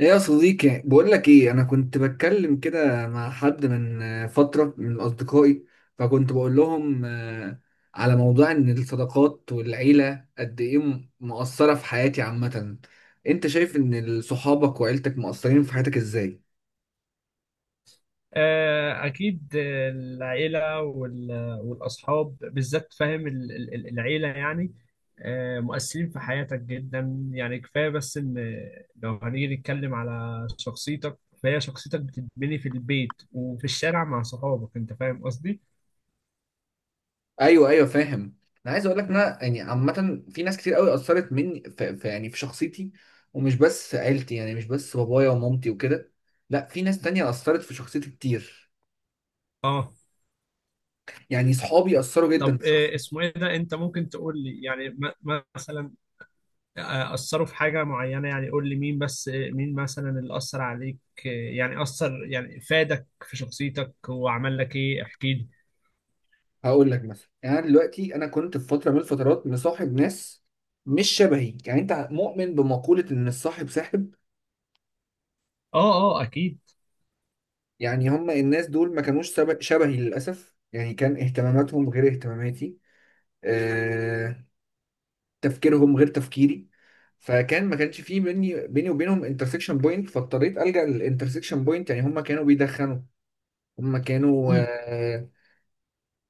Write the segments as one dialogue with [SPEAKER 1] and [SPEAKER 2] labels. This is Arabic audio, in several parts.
[SPEAKER 1] ايه يا صديقي، بقول لك ايه، انا كنت بتكلم كده مع حد من فتره من اصدقائي، فكنت بقول لهم على موضوع ان الصداقات والعيله قد ايه مؤثره في حياتي عامه. انت شايف ان صحابك وعيلتك مؤثرين في حياتك ازاي؟
[SPEAKER 2] أكيد. العيلة والأصحاب بالذات، فاهم العيلة يعني، مؤثرين في حياتك جدا، يعني كفاية بس إن لو هنيجي نتكلم على شخصيتك فهي شخصيتك بتتبني في البيت وفي الشارع مع صحابك. أنت فاهم قصدي؟
[SPEAKER 1] ايوه، ايوه، فاهم. انا عايز اقول لك إن انا يعني عامه في ناس كتير قوي اثرت مني يعني في شخصيتي. ومش بس في عيلتي، يعني مش بس بابايا ومامتي وكده. لا، في ناس تانية اثرت في شخصيتي كتير.
[SPEAKER 2] آه.
[SPEAKER 1] يعني صحابي اثروا جدا
[SPEAKER 2] طب
[SPEAKER 1] في
[SPEAKER 2] آه،
[SPEAKER 1] شخصيتي.
[SPEAKER 2] اسمه إيه ده؟ أنت ممكن تقول لي يعني مثلا أثروا في حاجة معينة، يعني قول لي مين، بس مين مثلا اللي أثر عليك، يعني أثر يعني فادك في شخصيتك وعمل لك إيه، احكي لي.
[SPEAKER 1] هقول لك مثلا، يعني انا دلوقتي انا كنت في فتره من الفترات مصاحب ناس مش شبهي. يعني انت مؤمن بمقوله ان الصاحب ساحب؟
[SPEAKER 2] آه. آه أكيد.
[SPEAKER 1] يعني هم الناس دول ما كانوش شبهي للاسف، يعني كان اهتماماتهم غير اهتماماتي، آه، تفكيرهم غير تفكيري. فكان ما كانش فيه بيني وبينهم انترسكشن بوينت، فاضطريت الجا للانترسكشن بوينت، يعني هم كانوا بيدخنوا. هم كانوا
[SPEAKER 2] مم.
[SPEAKER 1] آه،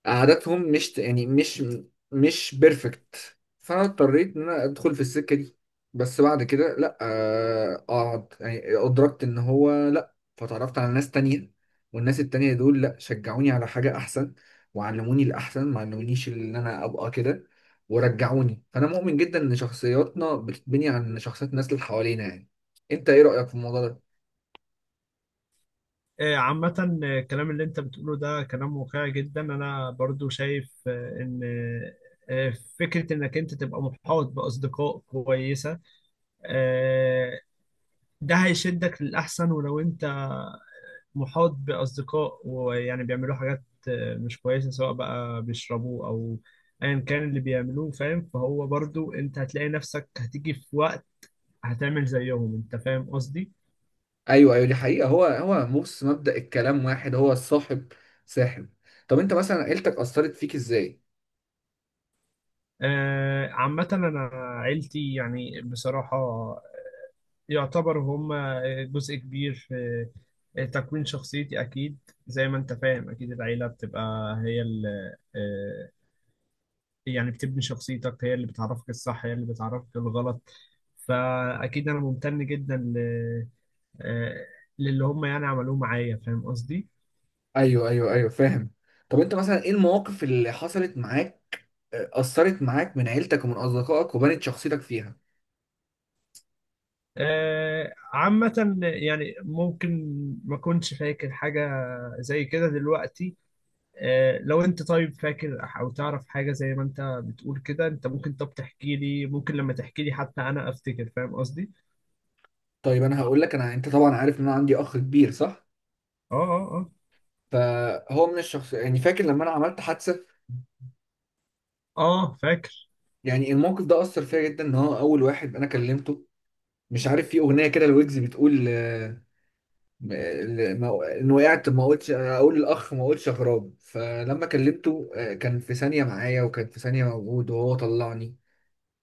[SPEAKER 1] عاداتهم مش يعني مش بيرفكت. فانا اضطريت ان انا ادخل في السكه دي. بس بعد كده، لا، اقعد يعني ادركت ان هو لا، فتعرفت على ناس تانية. والناس التانية دول، لا، شجعوني على حاجه احسن، وعلموني الاحسن، ما علمونيش ان انا ابقى كده، ورجعوني. فانا مؤمن جدا ان شخصياتنا بتتبني عن شخصيات الناس اللي حوالينا يعني. انت ايه رايك في الموضوع ده؟
[SPEAKER 2] عامة، الكلام اللي أنت بتقوله ده كلام واقعي جدا. أنا برضو شايف، إن آه، فكرة إنك أنت تبقى محاط بأصدقاء كويسة آه، ده هيشدك للأحسن. ولو أنت محاط بأصدقاء ويعني بيعملوا حاجات، مش كويسة، سواء بقى بيشربوا أو أيا كان اللي بيعملوه، فاهم، فهو برضو أنت هتلاقي نفسك هتيجي في وقت هتعمل زيهم. أنت فاهم قصدي؟
[SPEAKER 1] ايوه، ايوه، دي حقيقه. هو بص، مبدأ الكلام واحد، هو الصاحب ساحب. طب انت مثلا عيلتك اثرت فيك ازاي؟
[SPEAKER 2] عامة أنا عيلتي يعني بصراحة يعتبر هم جزء كبير في تكوين شخصيتي أكيد. زي ما أنت فاهم، أكيد العيلة بتبقى هي يعني بتبني شخصيتك، هي اللي بتعرفك الصح هي اللي بتعرفك الغلط، فأكيد أنا ممتن جدا ل... آه، للي هم يعني عملوه معايا. فاهم قصدي؟
[SPEAKER 1] ايوه، ايوه، ايوه، فاهم. طب انت مثلا ايه المواقف اللي حصلت معاك، اثرت معاك من عيلتك ومن اصدقائك وبنت شخصيتك فيها؟
[SPEAKER 2] عامة يعني ممكن ما كنتش فاكر حاجة زي كده دلوقتي. لو أنت طيب فاكر أو تعرف حاجة زي ما أنت بتقول كده، أنت ممكن طب تحكي لي، ممكن لما تحكي لي حتى أنا أفتكر. فاهم قصدي؟
[SPEAKER 1] طيب انا هقول لك. انت طبعا عارف ان انا عندي اخ كبير، صح؟
[SPEAKER 2] آه آه آه.
[SPEAKER 1] فهو من الشخص، يعني فاكر لما انا عملت حادثه.
[SPEAKER 2] آه فاكر.
[SPEAKER 1] يعني الموقف ده اثر فيا جدا ان هو اول واحد انا كلمته. مش عارف في اغنيه كده لويجز بتقول ان وقعت ما قلتش اقول الاخ، ما قلتش اغراب، فلما كلمته كان في ثانيه معايا، وكان في ثانيه موجود وهو طلعني.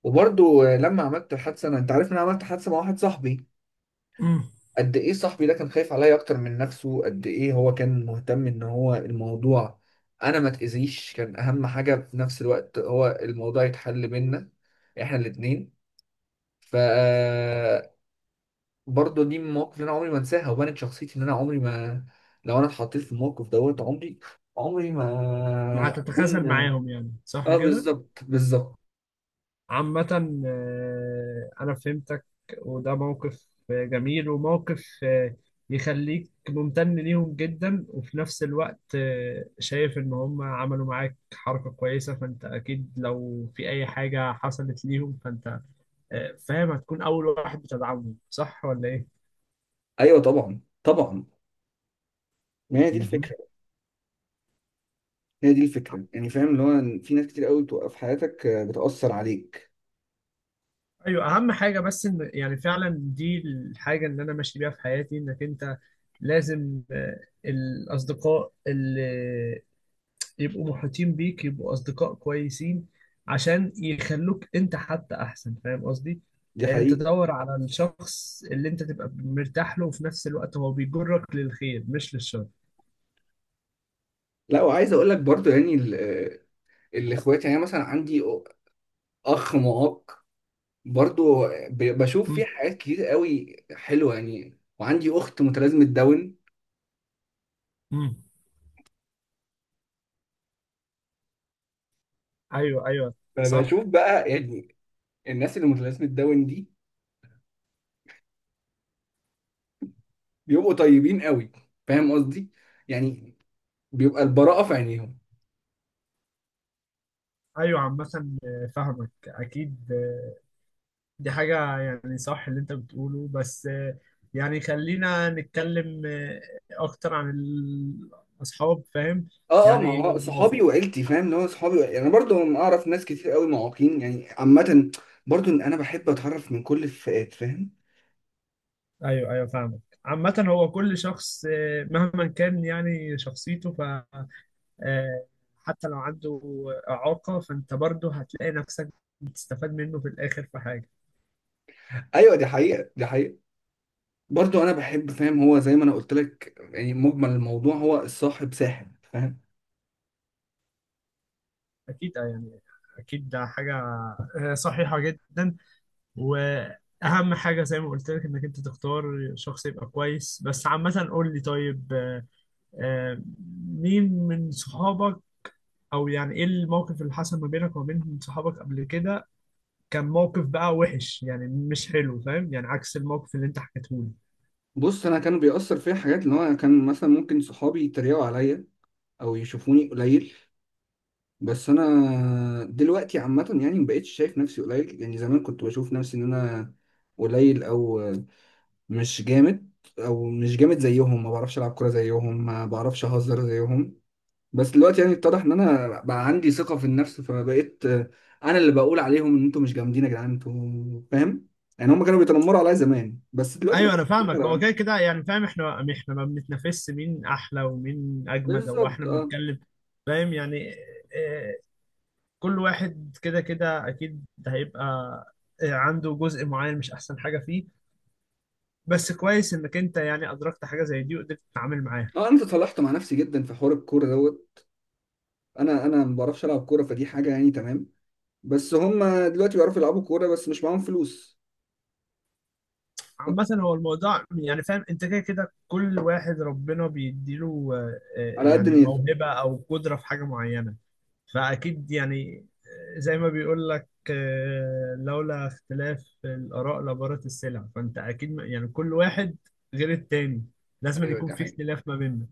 [SPEAKER 1] وبرضه لما عملت الحادثه انا، انت عارف ان انا عملت حادثه مع واحد صاحبي.
[SPEAKER 2] امم
[SPEAKER 1] قد ايه صاحبي ده كان خايف عليا اكتر من نفسه، قد ايه هو كان مهتم ان هو الموضوع، انا ما تاذيش كان اهم حاجه، في نفس الوقت هو الموضوع يتحل بينا احنا الاتنين. ف آه، برضه دي من المواقف اللي انا عمري ما انساها، وبنت شخصيتي ان انا عمري ما، لو انا اتحطيت في الموقف دوت، عمري ما
[SPEAKER 2] هتتخاذل
[SPEAKER 1] اكون.
[SPEAKER 2] معاهم يعني صح
[SPEAKER 1] اه،
[SPEAKER 2] كده؟
[SPEAKER 1] بالظبط، بالظبط.
[SPEAKER 2] عامة، أنا فهمتك، وده موقف جميل، وموقف يخليك ممتن ليهم جدا. وفي نفس الوقت، شايف إن هم عملوا معاك حركة كويسة، فأنت أكيد لو في أي حاجة حصلت ليهم فأنت، فاهم، هتكون أول واحد بتدعمهم. صح ولا إيه؟
[SPEAKER 1] ايوه، طبعا، طبعا، ما هي دي
[SPEAKER 2] مهم.
[SPEAKER 1] الفكره. هي دي الفكره يعني، فاهم، اللي هو في ناس كتير قوي بتوقف في حياتك، بتاثر عليك.
[SPEAKER 2] ايوه، اهم حاجه بس ان يعني فعلا دي الحاجه اللي انا ماشي بيها في حياتي، انك انت لازم، الاصدقاء يبقوا محيطين بيك، يبقوا أصدقاء كويسين عشان يخلوك أنت حتى أحسن. فاهم قصدي؟
[SPEAKER 1] دي
[SPEAKER 2] يعني أنت
[SPEAKER 1] حقيقي.
[SPEAKER 2] تدور على الشخص اللي أنت تبقى مرتاح له، وفي نفس الوقت هو بيجرك للخير مش للشر.
[SPEAKER 1] لا، وعايز اقول لك برضه يعني الاخوات، يعني أنا مثلا عندي اخ معاق، برضه بشوف فيه
[SPEAKER 2] مم.
[SPEAKER 1] حاجات كتير قوي حلوه، يعني وعندي اخت متلازمه داون.
[SPEAKER 2] مم. أيوه أيوه. صح.
[SPEAKER 1] فبشوف بقى، يعني الناس اللي متلازمة داون دي بيبقوا طيبين قوي. فاهم قصدي؟ يعني بيبقى البراءة في عينيهم.
[SPEAKER 2] أيوه، عامة، فاهمك أكيد. دي حاجة يعني صح اللي أنت بتقوله، بس، يعني خلينا نتكلم، أكتر عن الأصحاب. فاهم؟
[SPEAKER 1] اه، اه، ما
[SPEAKER 2] يعني
[SPEAKER 1] هو صحابي وعيلتي، فاهم، اللي هو صحابي وعيلتي. انا برضو اعرف ناس كتير قوي معاقين يعني عامة، برضو إن انا بحب اتعرف من كل الفئات، فاهم؟
[SPEAKER 2] ايوه ايوه فاهمك. عامة هو كل شخص، مهما كان يعني شخصيته، ف آه، حتى لو عنده إعاقة فأنت برضه هتلاقي نفسك بتستفاد منه في الآخر في حاجة.
[SPEAKER 1] ايوه، دي حقيقة، دي حقيقة. برضو انا بحب، فاهم، هو زي ما انا قلت لك يعني مجمل الموضوع هو الصاحب ساحب، فاهم؟
[SPEAKER 2] أكيد، يعني أكيد ده حاجة صحيحة جدا. وأهم حاجة زي ما قلت لك إنك أنت تختار شخص يبقى كويس. بس عامة قول لي، طيب آه، مين من صحابك أو يعني إيه الموقف اللي حصل ما بينك وما بين صحابك قبل كده؟ كان موقف بقى وحش يعني مش حلو، فاهم، يعني عكس الموقف اللي انت حكيته لي.
[SPEAKER 1] بص، انا كان بيأثر فيا حاجات، اللي هو كان مثلا ممكن صحابي يتريقوا عليا او يشوفوني قليل. بس انا دلوقتي عامه يعني مبقتش شايف نفسي قليل، يعني زمان كنت بشوف نفسي ان انا قليل، او مش جامد، او مش جامد زيهم، ما بعرفش العب كوره زيهم، ما بعرفش اهزر زيهم. بس دلوقتي يعني اتضح ان انا بقى عندي ثقه في النفس، فبقيت انا اللي بقول عليهم ان انتوا مش جامدين يا جدعان، انتوا فاهم؟ يعني هم كانوا بيتنمروا عليا زمان، بس دلوقتي انا
[SPEAKER 2] ايوه انا
[SPEAKER 1] بقيت بتنمر
[SPEAKER 2] فاهمك. هو
[SPEAKER 1] عليهم.
[SPEAKER 2] كده كده يعني، فاهم، احنا ما بنتنافسش مين احلى ومين اجمد، او
[SPEAKER 1] بالظبط،
[SPEAKER 2] احنا
[SPEAKER 1] اه.
[SPEAKER 2] بنتكلم. فاهم يعني آه، كل واحد كده كده اكيد هيبقى عنده جزء معين مش احسن حاجه فيه. بس كويس انك انت يعني ادركت حاجه زي دي وقدرت تتعامل معاها.
[SPEAKER 1] اه، انا تصالحت مع نفسي جدا في حوار الكوره دوت. انا ما بعرفش العب كوره، فدي حاجه يعني تمام. بس هم دلوقتي بيعرفوا يلعبوا كورة، بس مش معاهم فلوس.
[SPEAKER 2] عامه هو الموضوع يعني، فاهم، انت كده كده كل واحد ربنا بيديله
[SPEAKER 1] على قد
[SPEAKER 2] يعني
[SPEAKER 1] نيته.
[SPEAKER 2] موهبه او قدره في حاجه معينه. فأكيد يعني، زي ما بيقول لك، لولا اختلاف الآراء لبارت السلع. فأنت أكيد يعني كل واحد غير التاني، لازم أن
[SPEAKER 1] ايوه،
[SPEAKER 2] يكون
[SPEAKER 1] دي
[SPEAKER 2] في
[SPEAKER 1] حقيقة.
[SPEAKER 2] اختلاف ما بيننا.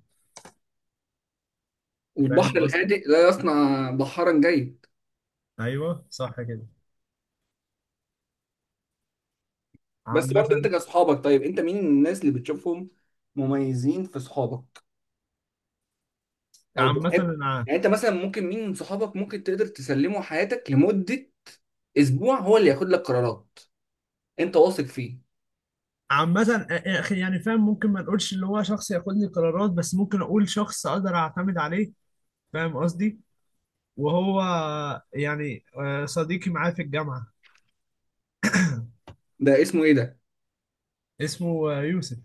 [SPEAKER 2] فاهم
[SPEAKER 1] والبحر
[SPEAKER 2] قصدي؟
[SPEAKER 1] الهادئ لا يصنع بحرا جيد.
[SPEAKER 2] أيوه صح كده.
[SPEAKER 1] بس برضه
[SPEAKER 2] عامة.
[SPEAKER 1] انت كاصحابك، طيب انت مين الناس اللي بتشوفهم مميزين في صحابك؟ او
[SPEAKER 2] عامة
[SPEAKER 1] بتحب،
[SPEAKER 2] أنا
[SPEAKER 1] يعني انت مثلا ممكن مين من صحابك ممكن تقدر تسلمه حياتك لمدة اسبوع، هو اللي ياخد لك قرارات، انت واثق فيه؟
[SPEAKER 2] عامة، يا أخي يعني، فاهم، ممكن ما نقولش اللي هو شخص ياخد لي قرارات، بس ممكن أقول شخص أقدر أعتمد عليه. فاهم قصدي؟ وهو يعني، صديقي معاه في الجامعة.
[SPEAKER 1] ده اسمه ايه ده؟
[SPEAKER 2] اسمه يوسف.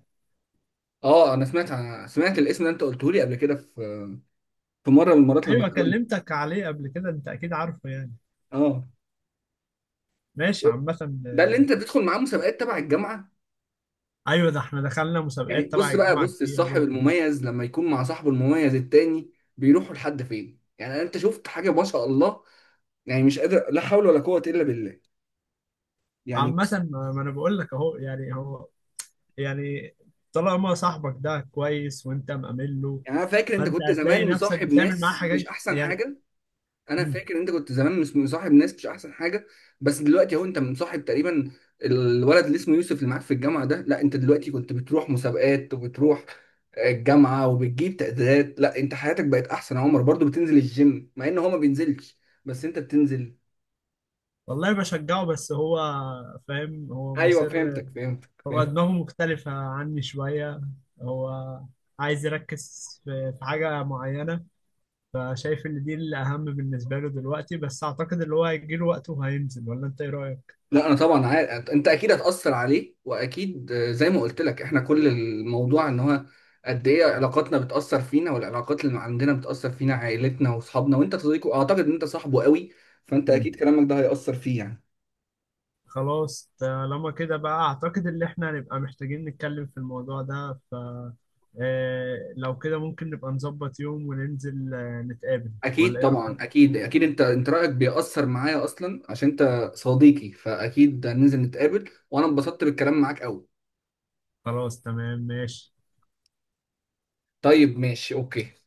[SPEAKER 1] اه، انا سمعت الاسم ده، انت قلته لي قبل كده في مره من المرات لما
[SPEAKER 2] ايوه
[SPEAKER 1] اتقابلنا.
[SPEAKER 2] كلمتك عليه قبل كده، انت اكيد عارفه يعني.
[SPEAKER 1] اه،
[SPEAKER 2] ماشي. عامة
[SPEAKER 1] ده اللي
[SPEAKER 2] آه،
[SPEAKER 1] انت بتدخل معاه مسابقات تبع الجامعه؟
[SPEAKER 2] ايوه ده احنا دخلنا
[SPEAKER 1] يعني
[SPEAKER 2] مسابقات تبع
[SPEAKER 1] بص بقى،
[SPEAKER 2] الجامعة
[SPEAKER 1] بص
[SPEAKER 2] كتير
[SPEAKER 1] الصاحب
[SPEAKER 2] جدا.
[SPEAKER 1] المميز لما يكون مع صاحبه المميز التاني، بيروحوا لحد فين؟ يعني انت شفت حاجه، ما شاء الله، يعني مش قادر، لا حول ولا قوه الا بالله، يعني
[SPEAKER 2] عامة،
[SPEAKER 1] بس.
[SPEAKER 2] ما انا بقول لك اهو يعني هو يعني طالما صاحبك ده كويس وانت مأمن له،
[SPEAKER 1] يعني انا فاكر انت
[SPEAKER 2] فانت
[SPEAKER 1] كنت
[SPEAKER 2] هتلاقي
[SPEAKER 1] زمان
[SPEAKER 2] نفسك
[SPEAKER 1] مصاحب
[SPEAKER 2] بتعمل معاه
[SPEAKER 1] ناس مش
[SPEAKER 2] حاجات
[SPEAKER 1] احسن
[SPEAKER 2] يعني.
[SPEAKER 1] حاجه. انا
[SPEAKER 2] مم.
[SPEAKER 1] فاكر إن انت كنت زمان مش مصاحب ناس مش احسن حاجه. بس دلوقتي اهو انت مصاحب تقريبا الولد اللي اسمه يوسف اللي معاك في الجامعه ده، لا انت دلوقتي كنت بتروح مسابقات وبتروح الجامعه وبتجيب تقديرات، لا انت حياتك بقت احسن يا عمر، برضو بتنزل الجيم مع ان هو ما بينزلش، بس انت بتنزل.
[SPEAKER 2] والله بشجعه، بس هو فاهم، هو
[SPEAKER 1] ايوه،
[SPEAKER 2] مصر.
[SPEAKER 1] فهمتك، فهمتك،
[SPEAKER 2] هو
[SPEAKER 1] فهمتك.
[SPEAKER 2] دماغه مختلفة عني شوية. هو عايز يركز في حاجة معينة، فشايف ان دي الاهم بالنسبه له دلوقتي. بس اعتقد اللي هو هيجي له وقته وهينزل، ولا انت ايه رايك؟
[SPEAKER 1] لا، انا طبعا عارف انت اكيد هتاثر عليه، واكيد زي ما قلت لك احنا كل الموضوع ان هو قد ايه علاقاتنا بتاثر فينا، والعلاقات اللي عندنا بتاثر فينا عائلتنا واصحابنا، وانت صديقه، اعتقد ان انت صاحبه قوي، فانت
[SPEAKER 2] مم.
[SPEAKER 1] اكيد كلامك ده هياثر فيه يعني.
[SPEAKER 2] خلاص طالما كده بقى اعتقد ان احنا هنبقى محتاجين نتكلم في الموضوع ده. ف، لو كده ممكن نبقى نظبط يوم وننزل نتقابل.
[SPEAKER 1] اكيد،
[SPEAKER 2] ولا ايه
[SPEAKER 1] طبعا،
[SPEAKER 2] رأيك؟
[SPEAKER 1] اكيد، اكيد، انت رايك بيأثر معايا اصلا عشان انت صديقي، فاكيد هننزل نتقابل، وانا انبسطت بالكلام معاك قوي.
[SPEAKER 2] خلاص تمام ماشي.
[SPEAKER 1] طيب، ماشي، اوكي.